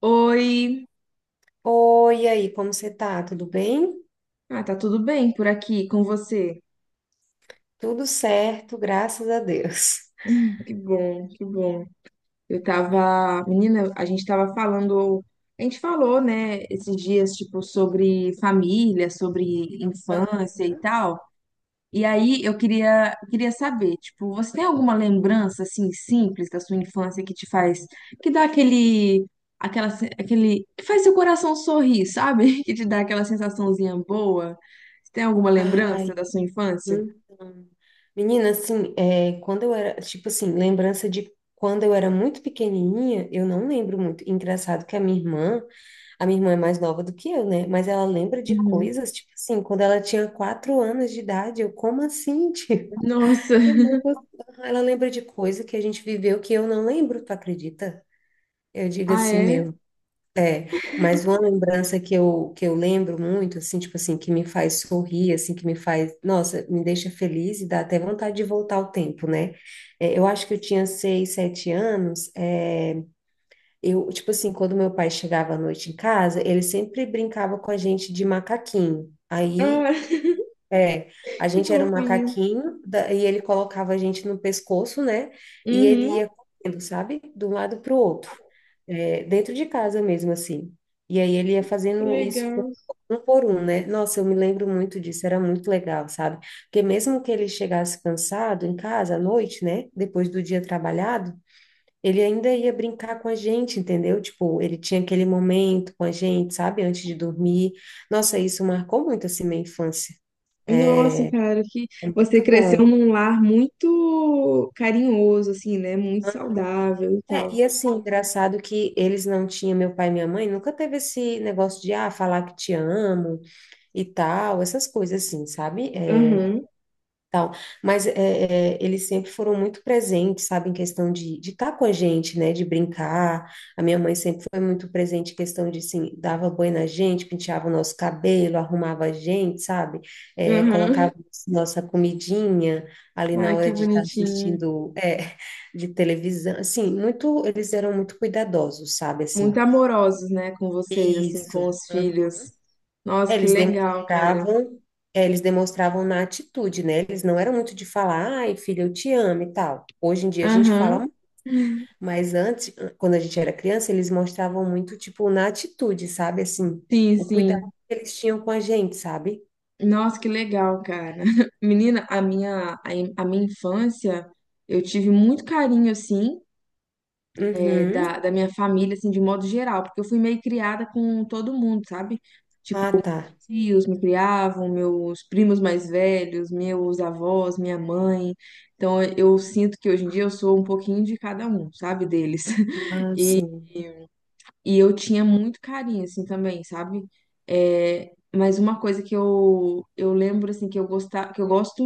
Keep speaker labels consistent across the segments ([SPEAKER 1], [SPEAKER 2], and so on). [SPEAKER 1] Oi,
[SPEAKER 2] Oi, e aí, como você tá? Tudo bem?
[SPEAKER 1] tá tudo bem por aqui com você?
[SPEAKER 2] Tudo certo, graças a Deus.
[SPEAKER 1] Que bom, que bom. Eu tava, menina, a gente tava falando, a gente falou, né, esses dias, tipo, sobre família, sobre
[SPEAKER 2] Aham.
[SPEAKER 1] infância e tal. E aí eu queria saber, tipo, você tem alguma lembrança assim simples da sua infância que te faz, que dá aquele, aquela, se- aquele, que faz seu coração sorrir, sabe? Que te dá aquela sensaçãozinha boa? Você tem alguma lembrança
[SPEAKER 2] Ai,
[SPEAKER 1] da sua infância?
[SPEAKER 2] então. Menina, assim, é, quando eu era, tipo assim, lembrança de quando eu era muito pequenininha, eu não lembro muito. Engraçado que a minha irmã é mais nova do que eu, né? Mas ela lembra de coisas, tipo assim, quando ela tinha 4 anos de idade, eu, como assim, tio?
[SPEAKER 1] Nossa,
[SPEAKER 2] Eu não consigo. Ela lembra de coisa que a gente viveu que eu não lembro, tu acredita? Eu digo
[SPEAKER 1] ah
[SPEAKER 2] assim,
[SPEAKER 1] é?
[SPEAKER 2] meu. É, mas uma lembrança que eu lembro muito, assim, tipo assim, que me faz sorrir, assim, que me faz, nossa, me deixa feliz e dá até vontade de voltar ao tempo, né? É, eu acho que eu tinha 6, 7 anos, é, eu, tipo assim, quando meu pai chegava à noite em casa, ele sempre brincava com a gente de macaquinho. Aí
[SPEAKER 1] Ah,
[SPEAKER 2] é, a
[SPEAKER 1] que
[SPEAKER 2] gente era um
[SPEAKER 1] fofinho.
[SPEAKER 2] macaquinho e ele colocava a gente no pescoço, né? E ele
[SPEAKER 1] Uhum,
[SPEAKER 2] ia correndo, sabe? De um lado para o outro, é, dentro de casa mesmo, assim. E aí ele ia
[SPEAKER 1] que
[SPEAKER 2] fazendo isso
[SPEAKER 1] legal.
[SPEAKER 2] um por um, né? Nossa, eu me lembro muito disso, era muito legal, sabe? Porque mesmo que ele chegasse cansado em casa à noite, né? Depois do dia trabalhado, ele ainda ia brincar com a gente, entendeu? Tipo, ele tinha aquele momento com a gente, sabe? Antes de dormir. Nossa, isso marcou muito assim minha infância.
[SPEAKER 1] Nossa, cara, que você
[SPEAKER 2] Muito
[SPEAKER 1] cresceu
[SPEAKER 2] bom.
[SPEAKER 1] num lar muito carinhoso, assim, né? Muito saudável e
[SPEAKER 2] É,
[SPEAKER 1] tal.
[SPEAKER 2] e assim, engraçado que eles não tinham, meu pai e minha mãe, nunca teve esse negócio de, ah, falar que te amo e tal, essas coisas assim, sabe? É,
[SPEAKER 1] Aham,
[SPEAKER 2] tal. Mas é, é, eles sempre foram muito presentes, sabe, em questão de estar com a gente, né, de brincar. A minha mãe sempre foi muito presente em questão de, assim, dava banho na gente, penteava o nosso cabelo, arrumava a gente, sabe, é,
[SPEAKER 1] aham.
[SPEAKER 2] colocava nossa comidinha ali na
[SPEAKER 1] Ai, que
[SPEAKER 2] hora de estar
[SPEAKER 1] bonitinho.
[SPEAKER 2] assistindo, é, de televisão. Assim, muito, eles eram muito cuidadosos, sabe, assim.
[SPEAKER 1] Muito amorosos, né, com vocês, assim,
[SPEAKER 2] Isso.
[SPEAKER 1] com os filhos. Nossa,
[SPEAKER 2] É,
[SPEAKER 1] que
[SPEAKER 2] eles
[SPEAKER 1] legal, cara.
[SPEAKER 2] demonstravam, é, eles demonstravam na atitude, né? Eles não eram muito de falar, ai, filha, eu te amo e tal. Hoje em dia a gente fala,
[SPEAKER 1] Aham,
[SPEAKER 2] mas antes, quando a gente era criança, eles mostravam muito, tipo, na atitude, sabe? Assim,
[SPEAKER 1] sim,
[SPEAKER 2] o cuidado
[SPEAKER 1] sim.
[SPEAKER 2] que eles tinham com a gente, sabe?
[SPEAKER 1] Nossa, que legal, cara. Menina, a minha infância, eu tive muito carinho, assim, é, da,
[SPEAKER 2] Uhum.
[SPEAKER 1] da minha família, assim, de modo geral, porque eu fui meio criada com todo mundo, sabe? Tipo,
[SPEAKER 2] Ah,
[SPEAKER 1] meus
[SPEAKER 2] tá.
[SPEAKER 1] tios me criavam, meus primos mais velhos, meus avós, minha mãe. Então, eu sinto que hoje em dia eu sou um pouquinho de cada um, sabe, deles.
[SPEAKER 2] Ah,
[SPEAKER 1] E
[SPEAKER 2] sim.
[SPEAKER 1] e eu tinha muito carinho, assim, também, sabe? É, mas uma coisa que eu lembro, assim, que eu gostava, que eu gosto,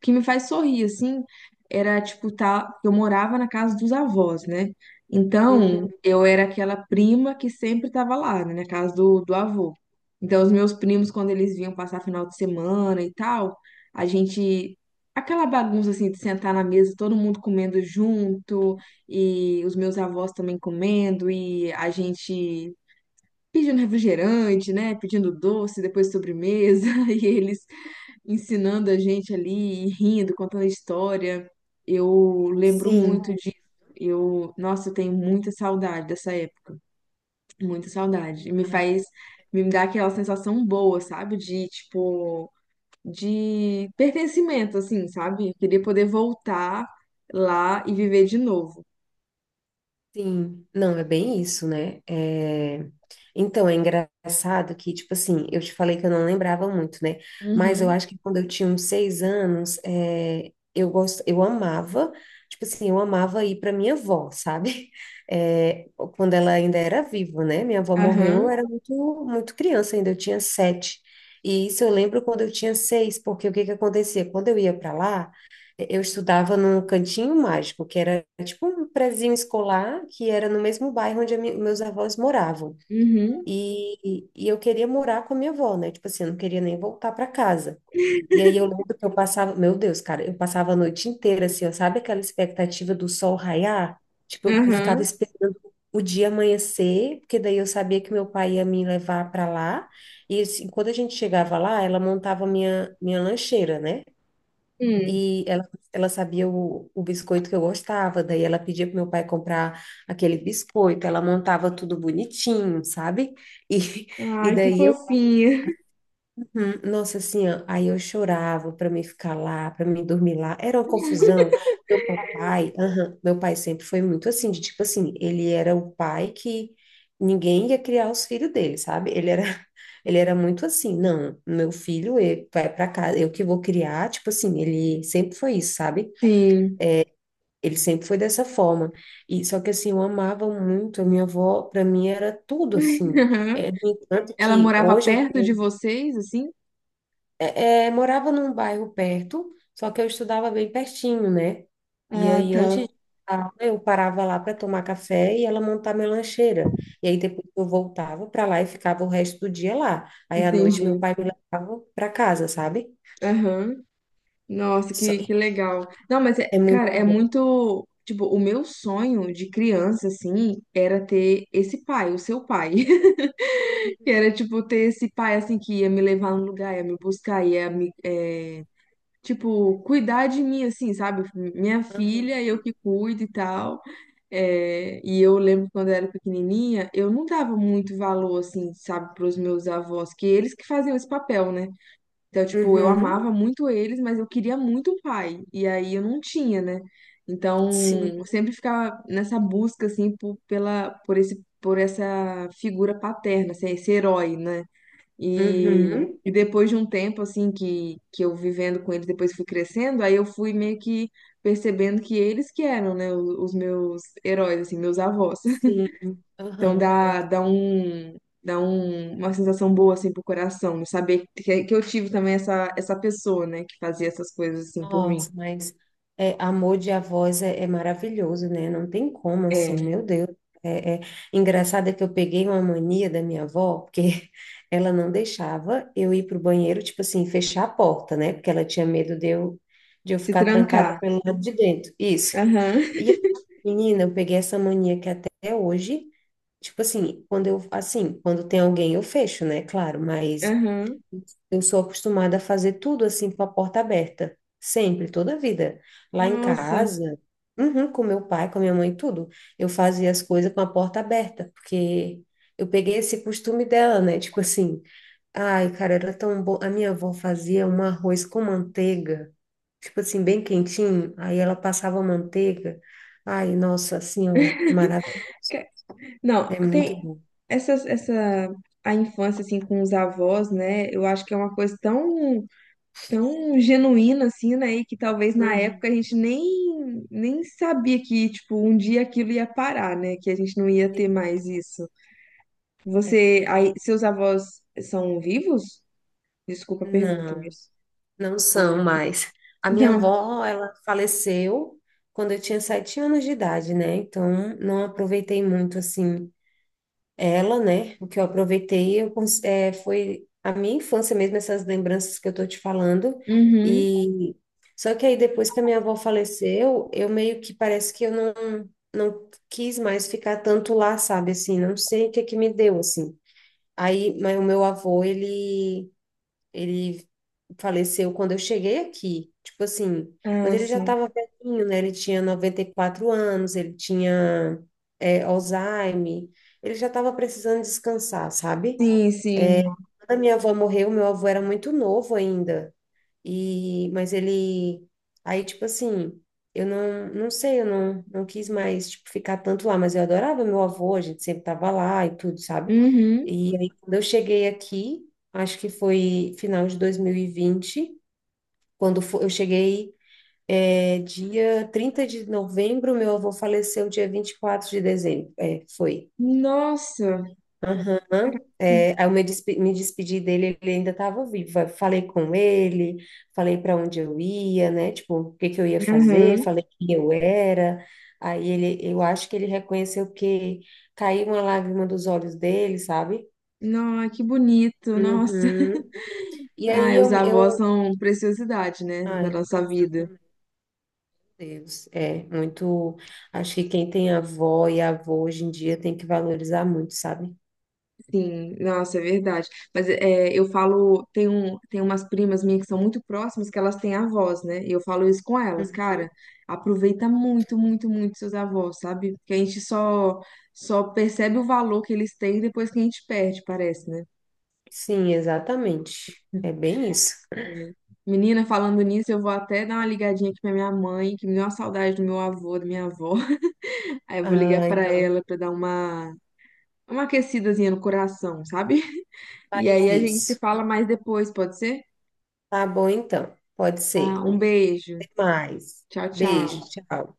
[SPEAKER 1] que me faz sorrir, assim, era, tipo, tá, eu morava na casa dos avós, né?
[SPEAKER 2] Uhum.
[SPEAKER 1] Então, eu era aquela prima que sempre tava lá, né, na casa do avô. Então, os meus primos, quando eles vinham passar final de semana e tal, a gente... Aquela bagunça, assim, de sentar na mesa, todo mundo comendo junto e os meus avós também comendo, e a gente pedindo refrigerante, né? Pedindo doce, depois sobremesa, e eles ensinando a gente ali, e rindo, contando a história. Eu lembro muito
[SPEAKER 2] Sim.
[SPEAKER 1] disso. Eu, nossa, eu tenho muita saudade dessa época, muita saudade. E me
[SPEAKER 2] Ah,
[SPEAKER 1] faz, me dá aquela sensação boa, sabe? De, tipo, de pertencimento, assim, sabe? Eu queria poder voltar lá e viver de novo.
[SPEAKER 2] sim, não, é bem isso, né? É. Então, é engraçado que, tipo assim, eu te falei que eu não lembrava muito, né? Mas eu
[SPEAKER 1] Uhum.
[SPEAKER 2] acho que quando eu tinha uns 6 anos, é, eu amava, tipo assim, eu amava ir para minha avó, sabe? É, quando ela ainda era viva, né? Minha avó morreu, eu
[SPEAKER 1] Aham.
[SPEAKER 2] era muito, muito criança ainda, eu tinha 7. E isso eu lembro quando eu tinha 6, porque o que que acontecia? Quando eu ia para lá, eu estudava num cantinho mágico, que era tipo um prezinho escolar, que era no mesmo bairro onde meus avós moravam.
[SPEAKER 1] Uhum.
[SPEAKER 2] E eu queria morar com a minha avó, né? Tipo assim, eu não queria nem voltar para casa. E aí eu lembro que eu passava, meu Deus, cara, eu passava a noite inteira assim, ó, sabe aquela expectativa do sol raiar? Tipo, eu
[SPEAKER 1] Aham.
[SPEAKER 2] ficava esperando o dia amanhecer, porque daí eu sabia que meu pai ia me levar para lá. E assim, quando a gente chegava lá, ela montava minha lancheira, né?
[SPEAKER 1] Hum.
[SPEAKER 2] E ela sabia o biscoito que eu gostava, daí ela pedia pro meu pai comprar aquele biscoito, ela montava tudo bonitinho, sabe? E, e
[SPEAKER 1] Ai, que
[SPEAKER 2] daí eu,
[SPEAKER 1] fofinha.
[SPEAKER 2] uhum, nossa, assim, ó, aí eu chorava para mim ficar lá, para mim dormir lá, era uma confusão. Meu meu pai sempre foi muito assim, de tipo assim, ele era o pai que ninguém ia criar os filhos dele, sabe? Ele era ele era muito assim, não, meu filho ele vai para casa, eu que vou criar, tipo assim, ele sempre foi isso, sabe?
[SPEAKER 1] Sim.
[SPEAKER 2] Ele sempre foi dessa forma. E só que assim, eu amava muito a minha avó, para mim era tudo assim.
[SPEAKER 1] Aham.
[SPEAKER 2] É, no entanto
[SPEAKER 1] Ela
[SPEAKER 2] que
[SPEAKER 1] morava
[SPEAKER 2] hoje eu
[SPEAKER 1] perto de
[SPEAKER 2] tenho.
[SPEAKER 1] vocês, assim?
[SPEAKER 2] É, morava num bairro perto, só que eu estudava bem pertinho, né? E
[SPEAKER 1] Ah,
[SPEAKER 2] aí
[SPEAKER 1] tá.
[SPEAKER 2] antes de aula, eu parava lá para tomar café e ela montar minha lancheira. E aí depois eu voltava para lá e ficava o resto do dia lá. Aí à noite meu
[SPEAKER 1] Entendi.
[SPEAKER 2] pai me levava para casa, sabe?
[SPEAKER 1] Aham. Nossa,
[SPEAKER 2] Só.
[SPEAKER 1] que legal. Não, mas, é,
[SPEAKER 2] É
[SPEAKER 1] cara,
[SPEAKER 2] muito
[SPEAKER 1] é
[SPEAKER 2] bom.
[SPEAKER 1] muito. Tipo, o meu sonho de criança, assim, era ter esse pai, o seu pai. Que era, tipo, ter esse pai, assim, que ia me levar no lugar, ia me buscar, ia me, é, tipo, cuidar de mim, assim, sabe? Minha filha, eu
[SPEAKER 2] Aham.
[SPEAKER 1] que cuido e tal. É, e eu lembro quando eu era pequenininha, eu não dava muito valor, assim, sabe, para os meus avós, que eles que faziam esse papel, né? Então, tipo, eu
[SPEAKER 2] Uhum.
[SPEAKER 1] amava muito eles, mas eu queria muito um pai, e aí eu não tinha, né? Então,
[SPEAKER 2] Sim.
[SPEAKER 1] eu sempre ficava nessa busca, assim, por, pela, por esse, por essa figura paterna, assim, esse herói, né? E, uhum,
[SPEAKER 2] Uhum.
[SPEAKER 1] e depois de um tempo, assim, que eu vivendo com eles, depois fui crescendo, aí eu fui meio que percebendo que eles que eram, né, os meus heróis, assim, meus avós.
[SPEAKER 2] Sim,
[SPEAKER 1] Então
[SPEAKER 2] aham,
[SPEAKER 1] dá,
[SPEAKER 2] verdade.
[SPEAKER 1] dá um, dá um, uma sensação boa, assim, pro coração, de saber que eu tive também essa pessoa, né, que fazia essas coisas, assim, por mim.
[SPEAKER 2] Nossa, mas é, amor de avós é, é maravilhoso, né? Não tem como, assim,
[SPEAKER 1] É,
[SPEAKER 2] meu Deus. É, é. Engraçado é que eu peguei uma mania da minha avó, porque ela não deixava eu ir para o banheiro, tipo assim, fechar a porta, né? Porque ela tinha medo de eu
[SPEAKER 1] se
[SPEAKER 2] ficar trancada
[SPEAKER 1] trancar.
[SPEAKER 2] pelo lado de dentro. Isso.
[SPEAKER 1] Aham,
[SPEAKER 2] E, aí, menina, eu peguei essa mania que até hoje, tipo assim, quando eu, assim, quando tem alguém, eu fecho, né? Claro, mas.
[SPEAKER 1] aham.
[SPEAKER 2] Eu sou acostumada a fazer tudo assim com a porta aberta, sempre, toda a vida. Lá em
[SPEAKER 1] Nossa.
[SPEAKER 2] casa, uhum, com meu pai, com a minha mãe, tudo. Eu fazia as coisas com a porta aberta, porque eu peguei esse costume dela, né? Tipo assim, ai, cara, era tão bom. A minha avó fazia um arroz com manteiga, tipo assim, bem quentinho. Aí ela passava manteiga. Ai, nossa, assim, ó, maravilha.
[SPEAKER 1] Não,
[SPEAKER 2] É muito
[SPEAKER 1] tem
[SPEAKER 2] bom.
[SPEAKER 1] essa, essa a infância assim com os avós, né? Eu acho que é uma coisa tão genuína assim, né? E que talvez na
[SPEAKER 2] Uhum.
[SPEAKER 1] época a gente nem sabia que tipo um dia aquilo ia parar, né? Que a gente não ia ter mais isso.
[SPEAKER 2] É
[SPEAKER 1] Você, aí,
[SPEAKER 2] verdade.
[SPEAKER 1] seus avós são vivos? Desculpa a pergunta,
[SPEAKER 2] Não.
[SPEAKER 1] mas
[SPEAKER 2] Não
[SPEAKER 1] ah,
[SPEAKER 2] são mais. A minha
[SPEAKER 1] não.
[SPEAKER 2] avó, ela faleceu quando eu tinha 7 anos de idade, né? Então, não aproveitei muito, assim, ela, né? O que eu aproveitei eu, foi a minha infância mesmo, essas lembranças que eu tô te falando.
[SPEAKER 1] Uhum.
[SPEAKER 2] E só que aí, depois que a minha avó faleceu, eu meio que parece que eu não quis mais ficar tanto lá, sabe? Assim, não sei o que que me deu, assim. Aí, mas o meu avô, ele ele faleceu quando eu cheguei aqui. Tipo assim, mas
[SPEAKER 1] Ah,
[SPEAKER 2] ele já
[SPEAKER 1] sim.
[SPEAKER 2] estava velhinho, né? Ele tinha 94 anos, ele tinha é, Alzheimer, ele já estava precisando descansar, sabe?
[SPEAKER 1] Sim, sim.
[SPEAKER 2] Quando a minha avó morreu, meu avô era muito novo ainda. E, mas ele, aí, tipo assim, eu não sei, eu não quis mais, tipo, ficar tanto lá, mas eu adorava meu avô, a gente sempre tava lá e tudo, sabe?
[SPEAKER 1] Uhum.
[SPEAKER 2] E aí, quando eu cheguei aqui, acho que foi final de 2020 quando eu cheguei, é, dia 30 de novembro, meu avô faleceu dia 24 de dezembro, é, foi.
[SPEAKER 1] Nossa.
[SPEAKER 2] Aham.
[SPEAKER 1] Caraca.
[SPEAKER 2] É, aí eu me despedi dele, ele ainda estava vivo. Eu falei com ele, falei para onde eu ia, né? Tipo, o que que eu ia fazer,
[SPEAKER 1] Uhum.
[SPEAKER 2] falei quem eu era. Aí ele, eu acho que ele reconheceu que caiu uma lágrima dos olhos dele, sabe?
[SPEAKER 1] Não, que bonito. Nossa.
[SPEAKER 2] Uhum. E aí
[SPEAKER 1] Ah, os avós são preciosidade, né, da
[SPEAKER 2] ai, meu
[SPEAKER 1] nossa vida.
[SPEAKER 2] Deus, é muito. Acho que quem tem avó e avô hoje em dia tem que valorizar muito, sabe?
[SPEAKER 1] Sim, nossa, é verdade. Mas é, eu falo, tem, um, tem umas primas minhas que são muito próximas que elas têm avós, né? E eu falo isso com elas,
[SPEAKER 2] Uhum.
[SPEAKER 1] cara, aproveita muito, muito, muito seus avós, sabe? Porque a gente só, só percebe o valor que eles têm depois que a gente perde, parece, né?
[SPEAKER 2] Sim, exatamente. É bem isso.
[SPEAKER 1] É. Menina, falando nisso, eu vou até dar uma ligadinha aqui pra minha mãe, que me deu uma saudade do meu avô, da minha avó. Aí eu vou ligar
[SPEAKER 2] Ah,
[SPEAKER 1] pra
[SPEAKER 2] então
[SPEAKER 1] ela pra dar uma aquecidazinha no coração, sabe? E
[SPEAKER 2] faz
[SPEAKER 1] aí a gente se
[SPEAKER 2] isso.
[SPEAKER 1] fala mais depois, pode ser?
[SPEAKER 2] Tá bom, então. Pode
[SPEAKER 1] Tá,
[SPEAKER 2] ser.
[SPEAKER 1] um beijo.
[SPEAKER 2] Até mais.
[SPEAKER 1] Tchau,
[SPEAKER 2] Beijo,
[SPEAKER 1] tchau.
[SPEAKER 2] tchau.